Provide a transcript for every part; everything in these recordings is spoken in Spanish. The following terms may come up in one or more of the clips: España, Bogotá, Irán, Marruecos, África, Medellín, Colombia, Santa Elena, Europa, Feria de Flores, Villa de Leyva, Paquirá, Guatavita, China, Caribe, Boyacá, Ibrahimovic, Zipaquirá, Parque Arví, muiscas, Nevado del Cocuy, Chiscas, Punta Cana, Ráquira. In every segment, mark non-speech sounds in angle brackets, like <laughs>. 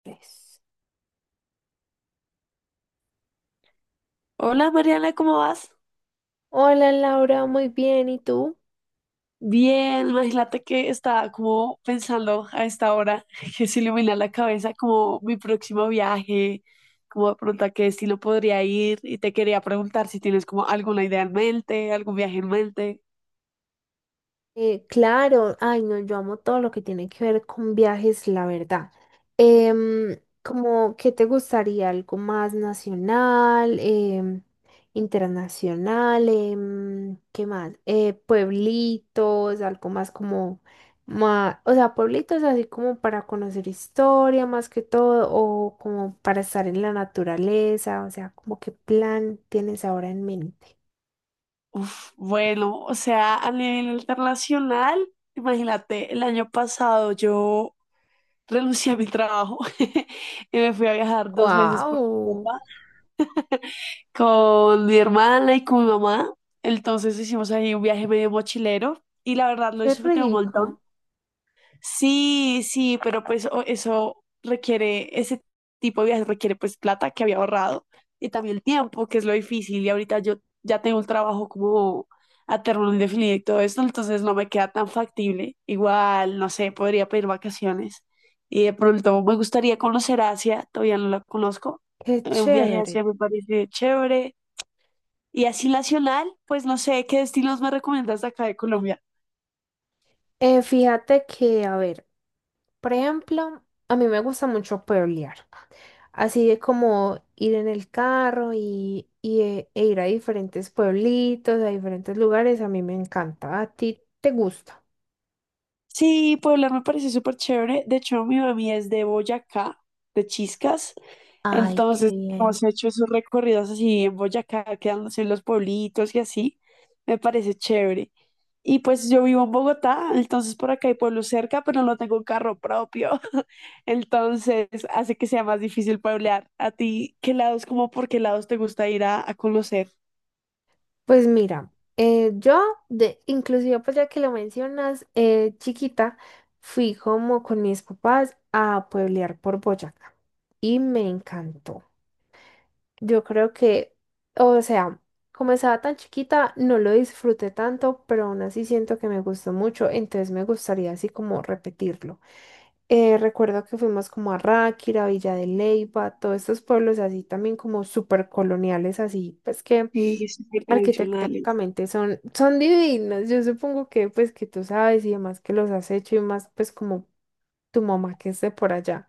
Tres. Hola Mariana, ¿cómo vas? Hola Laura, muy bien, ¿y tú? Bien, imagínate que estaba como pensando a esta hora <laughs> que se ilumina la cabeza como mi próximo viaje, como de pronto a qué destino podría ir y te quería preguntar si tienes como alguna idea en mente, algún viaje en mente. Claro, ay no, yo amo todo lo que tiene que ver con viajes, la verdad. Como, ¿qué te gustaría? ¿Algo más nacional, internacional? ¿Qué más? Pueblitos, algo más como, o sea, pueblitos así como para conocer historia más que todo, o como para estar en la naturaleza, o sea, como qué plan tienes ahora en mente. Uf, bueno, o sea, a nivel internacional, imagínate, el año pasado yo renuncié a mi trabajo <laughs> y me fui a viajar 2 meses por Wow, Europa con mi hermana y con mi mamá. Entonces hicimos ahí un viaje medio mochilero y la verdad lo qué disfruté un montón. rico, Sí, sí, pero pues eso requiere, ese tipo de viajes requiere pues plata que había ahorrado y también el tiempo, que es lo difícil. Y ahorita yo ya tengo un trabajo como a término indefinido y todo esto, entonces no me queda tan factible. Igual, no sé, podría pedir vacaciones. Y de pronto me gustaría conocer Asia, todavía no la conozco. qué Un viaje a chévere. Asia me parece chévere. Y así nacional, pues no sé qué destinos me recomiendas de acá de Colombia. Fíjate que, a ver, por ejemplo, a mí me gusta mucho pueblear, así de como ir en el carro e ir a diferentes pueblitos, a diferentes lugares, a mí me encanta. ¿A ti te gusta? Sí, Puebla me parece súper chévere. De hecho, mi mami es de Boyacá, de Chiscas. Ay, Entonces, qué bien. hemos hecho esos recorridos así en Boyacá, quedándose en los pueblitos y así. Me parece chévere. Y pues yo vivo en Bogotá, entonces por acá hay pueblos cerca, pero no tengo un carro propio. <laughs> Entonces, hace que sea más difícil pueblear. ¿A ti qué lados, como por qué lados te gusta ir a conocer? Pues mira, yo, de, inclusive pues ya que lo mencionas, chiquita, fui como con mis papás a pueblear por Boyacá y me encantó. Yo creo que, o sea, como estaba tan chiquita, no lo disfruté tanto, pero aún así siento que me gustó mucho, entonces me gustaría así como repetirlo. Recuerdo que fuimos como a Ráquira, Villa de Leyva, todos estos pueblos así también como súper coloniales, así pues que Sí, súper tradicionales. arquitectónicamente son, son divinos. Yo supongo que pues que tú sabes y demás que los has hecho y más pues como tu mamá que esté por allá.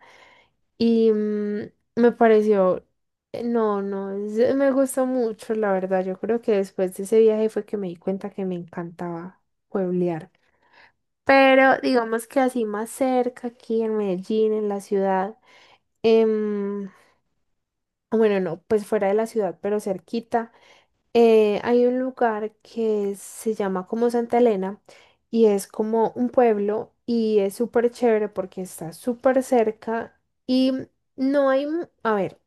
Y me pareció No, no, es- me gustó mucho, la verdad. Yo creo que después de ese viaje fue que me di cuenta que me encantaba pueblear. Pero digamos que así más cerca, aquí en Medellín, en la ciudad, em, bueno, no, pues fuera de la ciudad, pero cerquita, hay un lugar que se llama como Santa Elena y es como un pueblo y es súper chévere porque está súper cerca y no hay, a ver.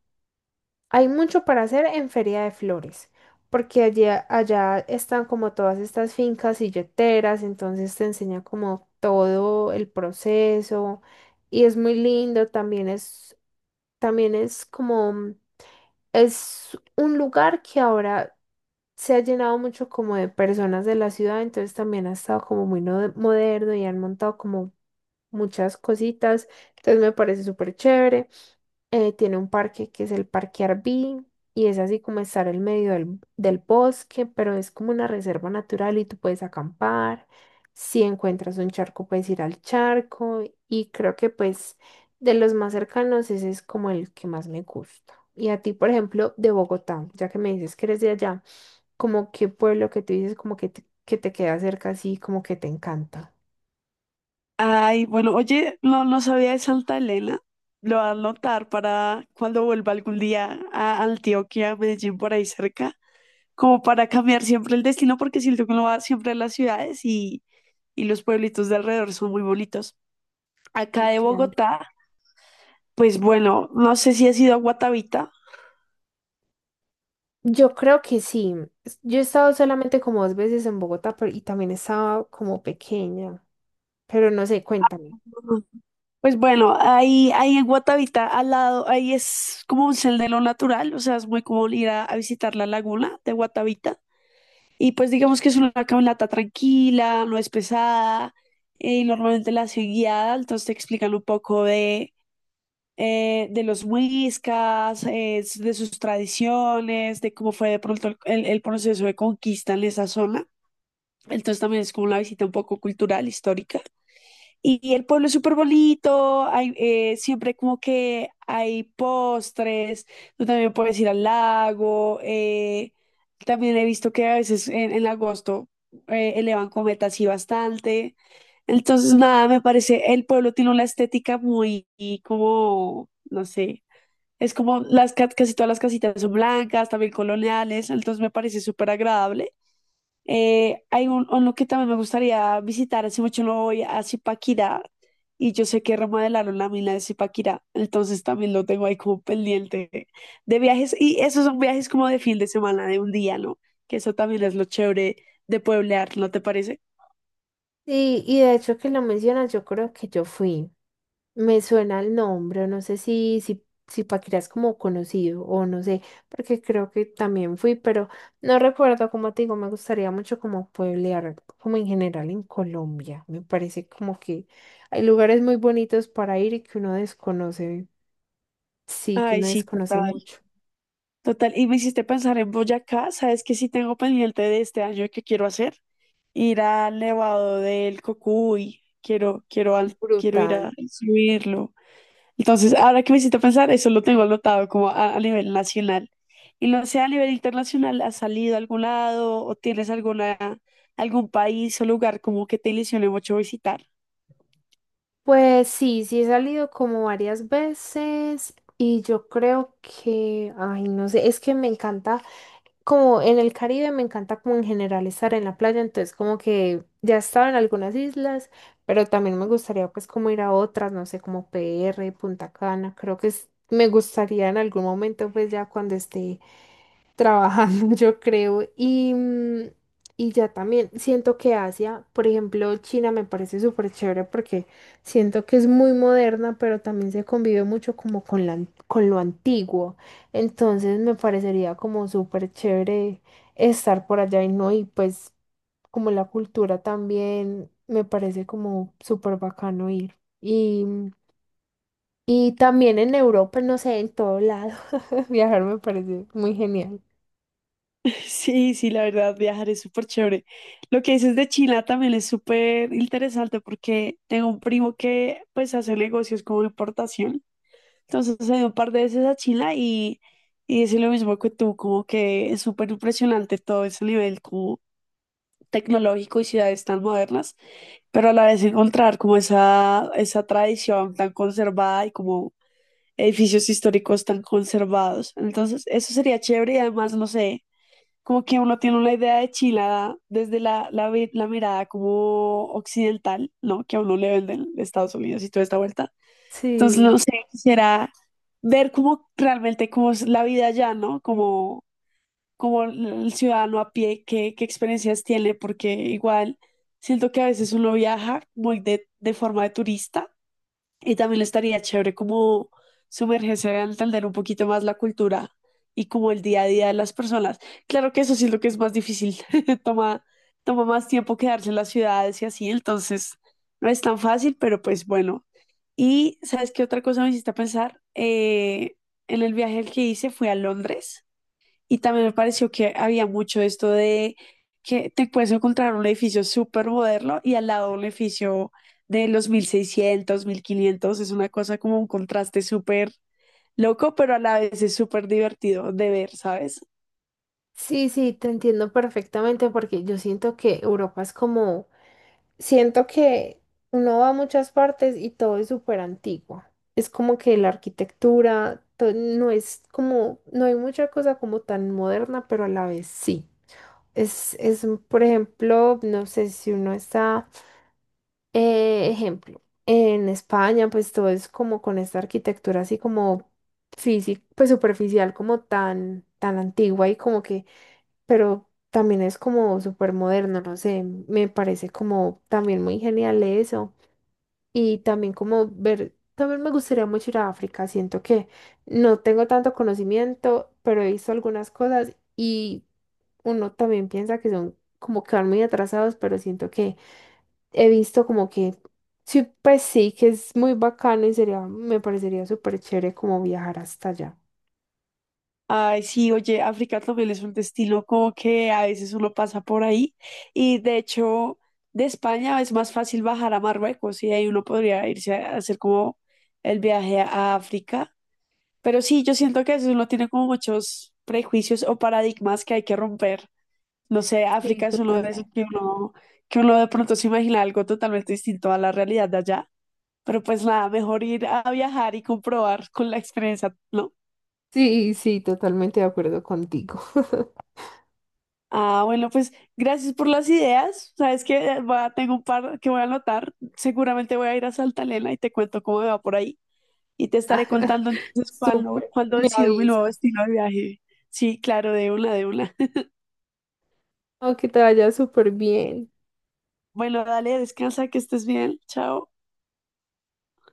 Hay mucho para hacer en Feria de Flores, porque allá están como todas estas fincas silleteras, entonces te enseña como todo el proceso y es muy lindo, también es como, es un lugar que ahora se ha llenado mucho como de personas de la ciudad, entonces también ha estado como muy moderno y han montado como muchas cositas, entonces me parece súper chévere, tiene un parque que es el Parque Arví y es así como estar en medio del, del bosque, pero es como una reserva natural y tú puedes acampar. Si encuentras un charco, puedes ir al charco y creo que pues de los más cercanos ese es como el que más me gusta. Y a ti, por ejemplo, de Bogotá, ya que me dices que eres de allá, como qué pueblo que tú dices como que te queda cerca así, como que te encanta. Ay, bueno, oye, no, no sabía de Santa Elena. Lo voy a anotar para cuando vuelva algún día a Antioquia, Medellín, por ahí cerca, como para cambiar siempre el destino, porque siento que uno va siempre a las ciudades y los pueblitos de alrededor son muy bonitos. Acá Sí, de claro. Bogotá, pues bueno, no sé si has ido a Guatavita. Yo creo que sí. Yo he estado solamente como dos veces en Bogotá pero, y también estaba como pequeña, pero no sé, cuéntame. Ujú. Pues bueno, ahí en Guatavita, al lado, ahí es como un sendero natural, o sea, es muy común ir a visitar la laguna de Guatavita. Y pues digamos que es una caminata tranquila, no es pesada, y normalmente la hace guiada, entonces te explican un poco de los muiscas, de sus tradiciones, de cómo fue de pronto el proceso de conquista en esa zona. Entonces también es como una visita un poco cultural, histórica. Y el pueblo es súper bonito, hay, siempre como que hay postres, tú también puedes ir al lago, también he visto que a veces en agosto elevan cometas y bastante. Entonces, nada, me parece, el pueblo tiene una estética muy y como, no sé, es como las casi todas las casitas son blancas, también coloniales, entonces me parece súper agradable. Hay un, uno que también me gustaría visitar, hace mucho no voy a Zipaquirá y yo sé que remodelaron la mina de Zipaquirá, entonces también lo tengo ahí como pendiente de viajes y esos son viajes como de fin de semana, de un día, ¿no? Que eso también es lo chévere de pueblear, ¿no te parece? Sí, y de hecho que lo mencionas, yo creo que yo fui. Me suena el nombre, no sé si Paquirá es como conocido o no sé, porque creo que también fui, pero no recuerdo, como te digo, me gustaría mucho como pueblear, como en general en Colombia. Me parece como que hay lugares muy bonitos para ir y que uno desconoce, sí, que Ay, uno sí, desconoce total, mucho. total. Y me hiciste pensar en Boyacá, ¿sabes que sí tengo pendiente de este año que quiero hacer? Ir al Nevado del Cocuy, quiero, quiero ir Brutal. a subirlo. Entonces, ahora que me hiciste pensar, eso lo tengo anotado como a nivel nacional. Y no sé, a nivel internacional, ¿has salido a algún lado o tienes alguna, algún país o lugar como que te ilusione mucho visitar? Pues sí, sí he salido como varias veces y yo creo que, ay, no sé, es que me encanta, como en el Caribe me encanta como en general estar en la playa, entonces como que ya he estado en algunas islas, pero también me gustaría pues como ir a otras, no sé, como PR, Punta Cana, creo que me gustaría en algún momento pues ya cuando esté trabajando, <laughs> yo creo. Y, y ya también siento que Asia, por ejemplo, China me parece súper chévere porque siento que es muy moderna, pero también se convive mucho como con la, con lo antiguo. Entonces me parecería como súper chévere estar por allá y no, y pues como la cultura también me parece como súper bacano ir. Y, y también en Europa, no sé, en todo lado, <laughs> viajar me parece muy genial. <laughs> Sí, sí, la verdad, viajar es súper chévere. Lo que dices de China también es súper interesante porque tengo un primo que pues hace negocios como de importación. Entonces he ido un par de veces a China y es lo mismo que tú, como que es súper impresionante todo ese nivel tecnológico y ciudades tan modernas, pero a la vez encontrar como esa tradición tan conservada y como edificios históricos tan conservados. Entonces, eso sería chévere y además, no sé, como que uno tiene una idea de Chile desde la mirada como occidental, ¿no? Que a uno le venden de Estados Unidos y toda esta vuelta. Entonces, Sí. no sé, quisiera ver como realmente cómo es la vida allá, ¿no? Como como el ciudadano a pie, qué, qué experiencias tiene, porque igual siento que a veces uno viaja muy de forma de turista y también le estaría chévere como sumergirse a entender un poquito más la cultura y como el día a día de las personas. Claro que eso sí es lo que es más difícil, <laughs> toma, toma más tiempo quedarse en las ciudades y así, entonces no es tan fácil, pero pues bueno. Y ¿sabes qué otra cosa me hiciste pensar? En el viaje que hice fui a Londres y también me pareció que había mucho esto de que te puedes encontrar un edificio súper moderno y al lado un edificio de los 1600 1500. Es una cosa como un contraste súper loco, pero a la vez es súper divertido de ver, ¿sabes? Sí, sí, te entiendo perfectamente porque yo siento que Europa es como, siento que uno va a muchas partes y todo es súper antiguo. Es como que la arquitectura no es como, no hay mucha cosa como tan moderna, pero a la vez sí. Por ejemplo, no sé si uno está ejemplo, en España, pues todo es como con esta arquitectura así como física, pues superficial, como tan antigua y como que, pero también es como súper moderno, no sé, me parece como también muy genial eso. Y también como ver, también me gustaría mucho ir a África, siento que no tengo tanto conocimiento, pero he visto algunas cosas y uno también piensa que son como que van muy atrasados, pero siento que he visto como que sí, pues sí, que es muy bacano y sería, me parecería súper chévere como viajar hasta allá. Ay, sí, oye, África también es un destino como que a veces uno pasa por ahí y de hecho de España es más fácil bajar a Marruecos y ahí uno podría irse a hacer como el viaje a África. Pero sí, yo siento que eso uno tiene como muchos prejuicios o paradigmas que hay que romper. No sé, Sí, África es uno de totalmente. esos que uno de pronto se imagina algo totalmente distinto a la realidad de allá. Pero pues nada, mejor ir a viajar y comprobar con la experiencia, ¿no? Sí, sí, totalmente de acuerdo contigo. <laughs> Ah, bueno, pues gracias por las ideas. Sabes que tengo un par que voy a anotar. Seguramente voy a ir a Santa Elena y te cuento cómo me va por ahí. Y te Ah, estaré contando entonces cuándo, súper, cuándo me decido mi nuevo avisas. destino de viaje. Sí, claro, de una, de una. Aunque te vaya súper bien. Bueno, dale, descansa, que estés bien. Chao.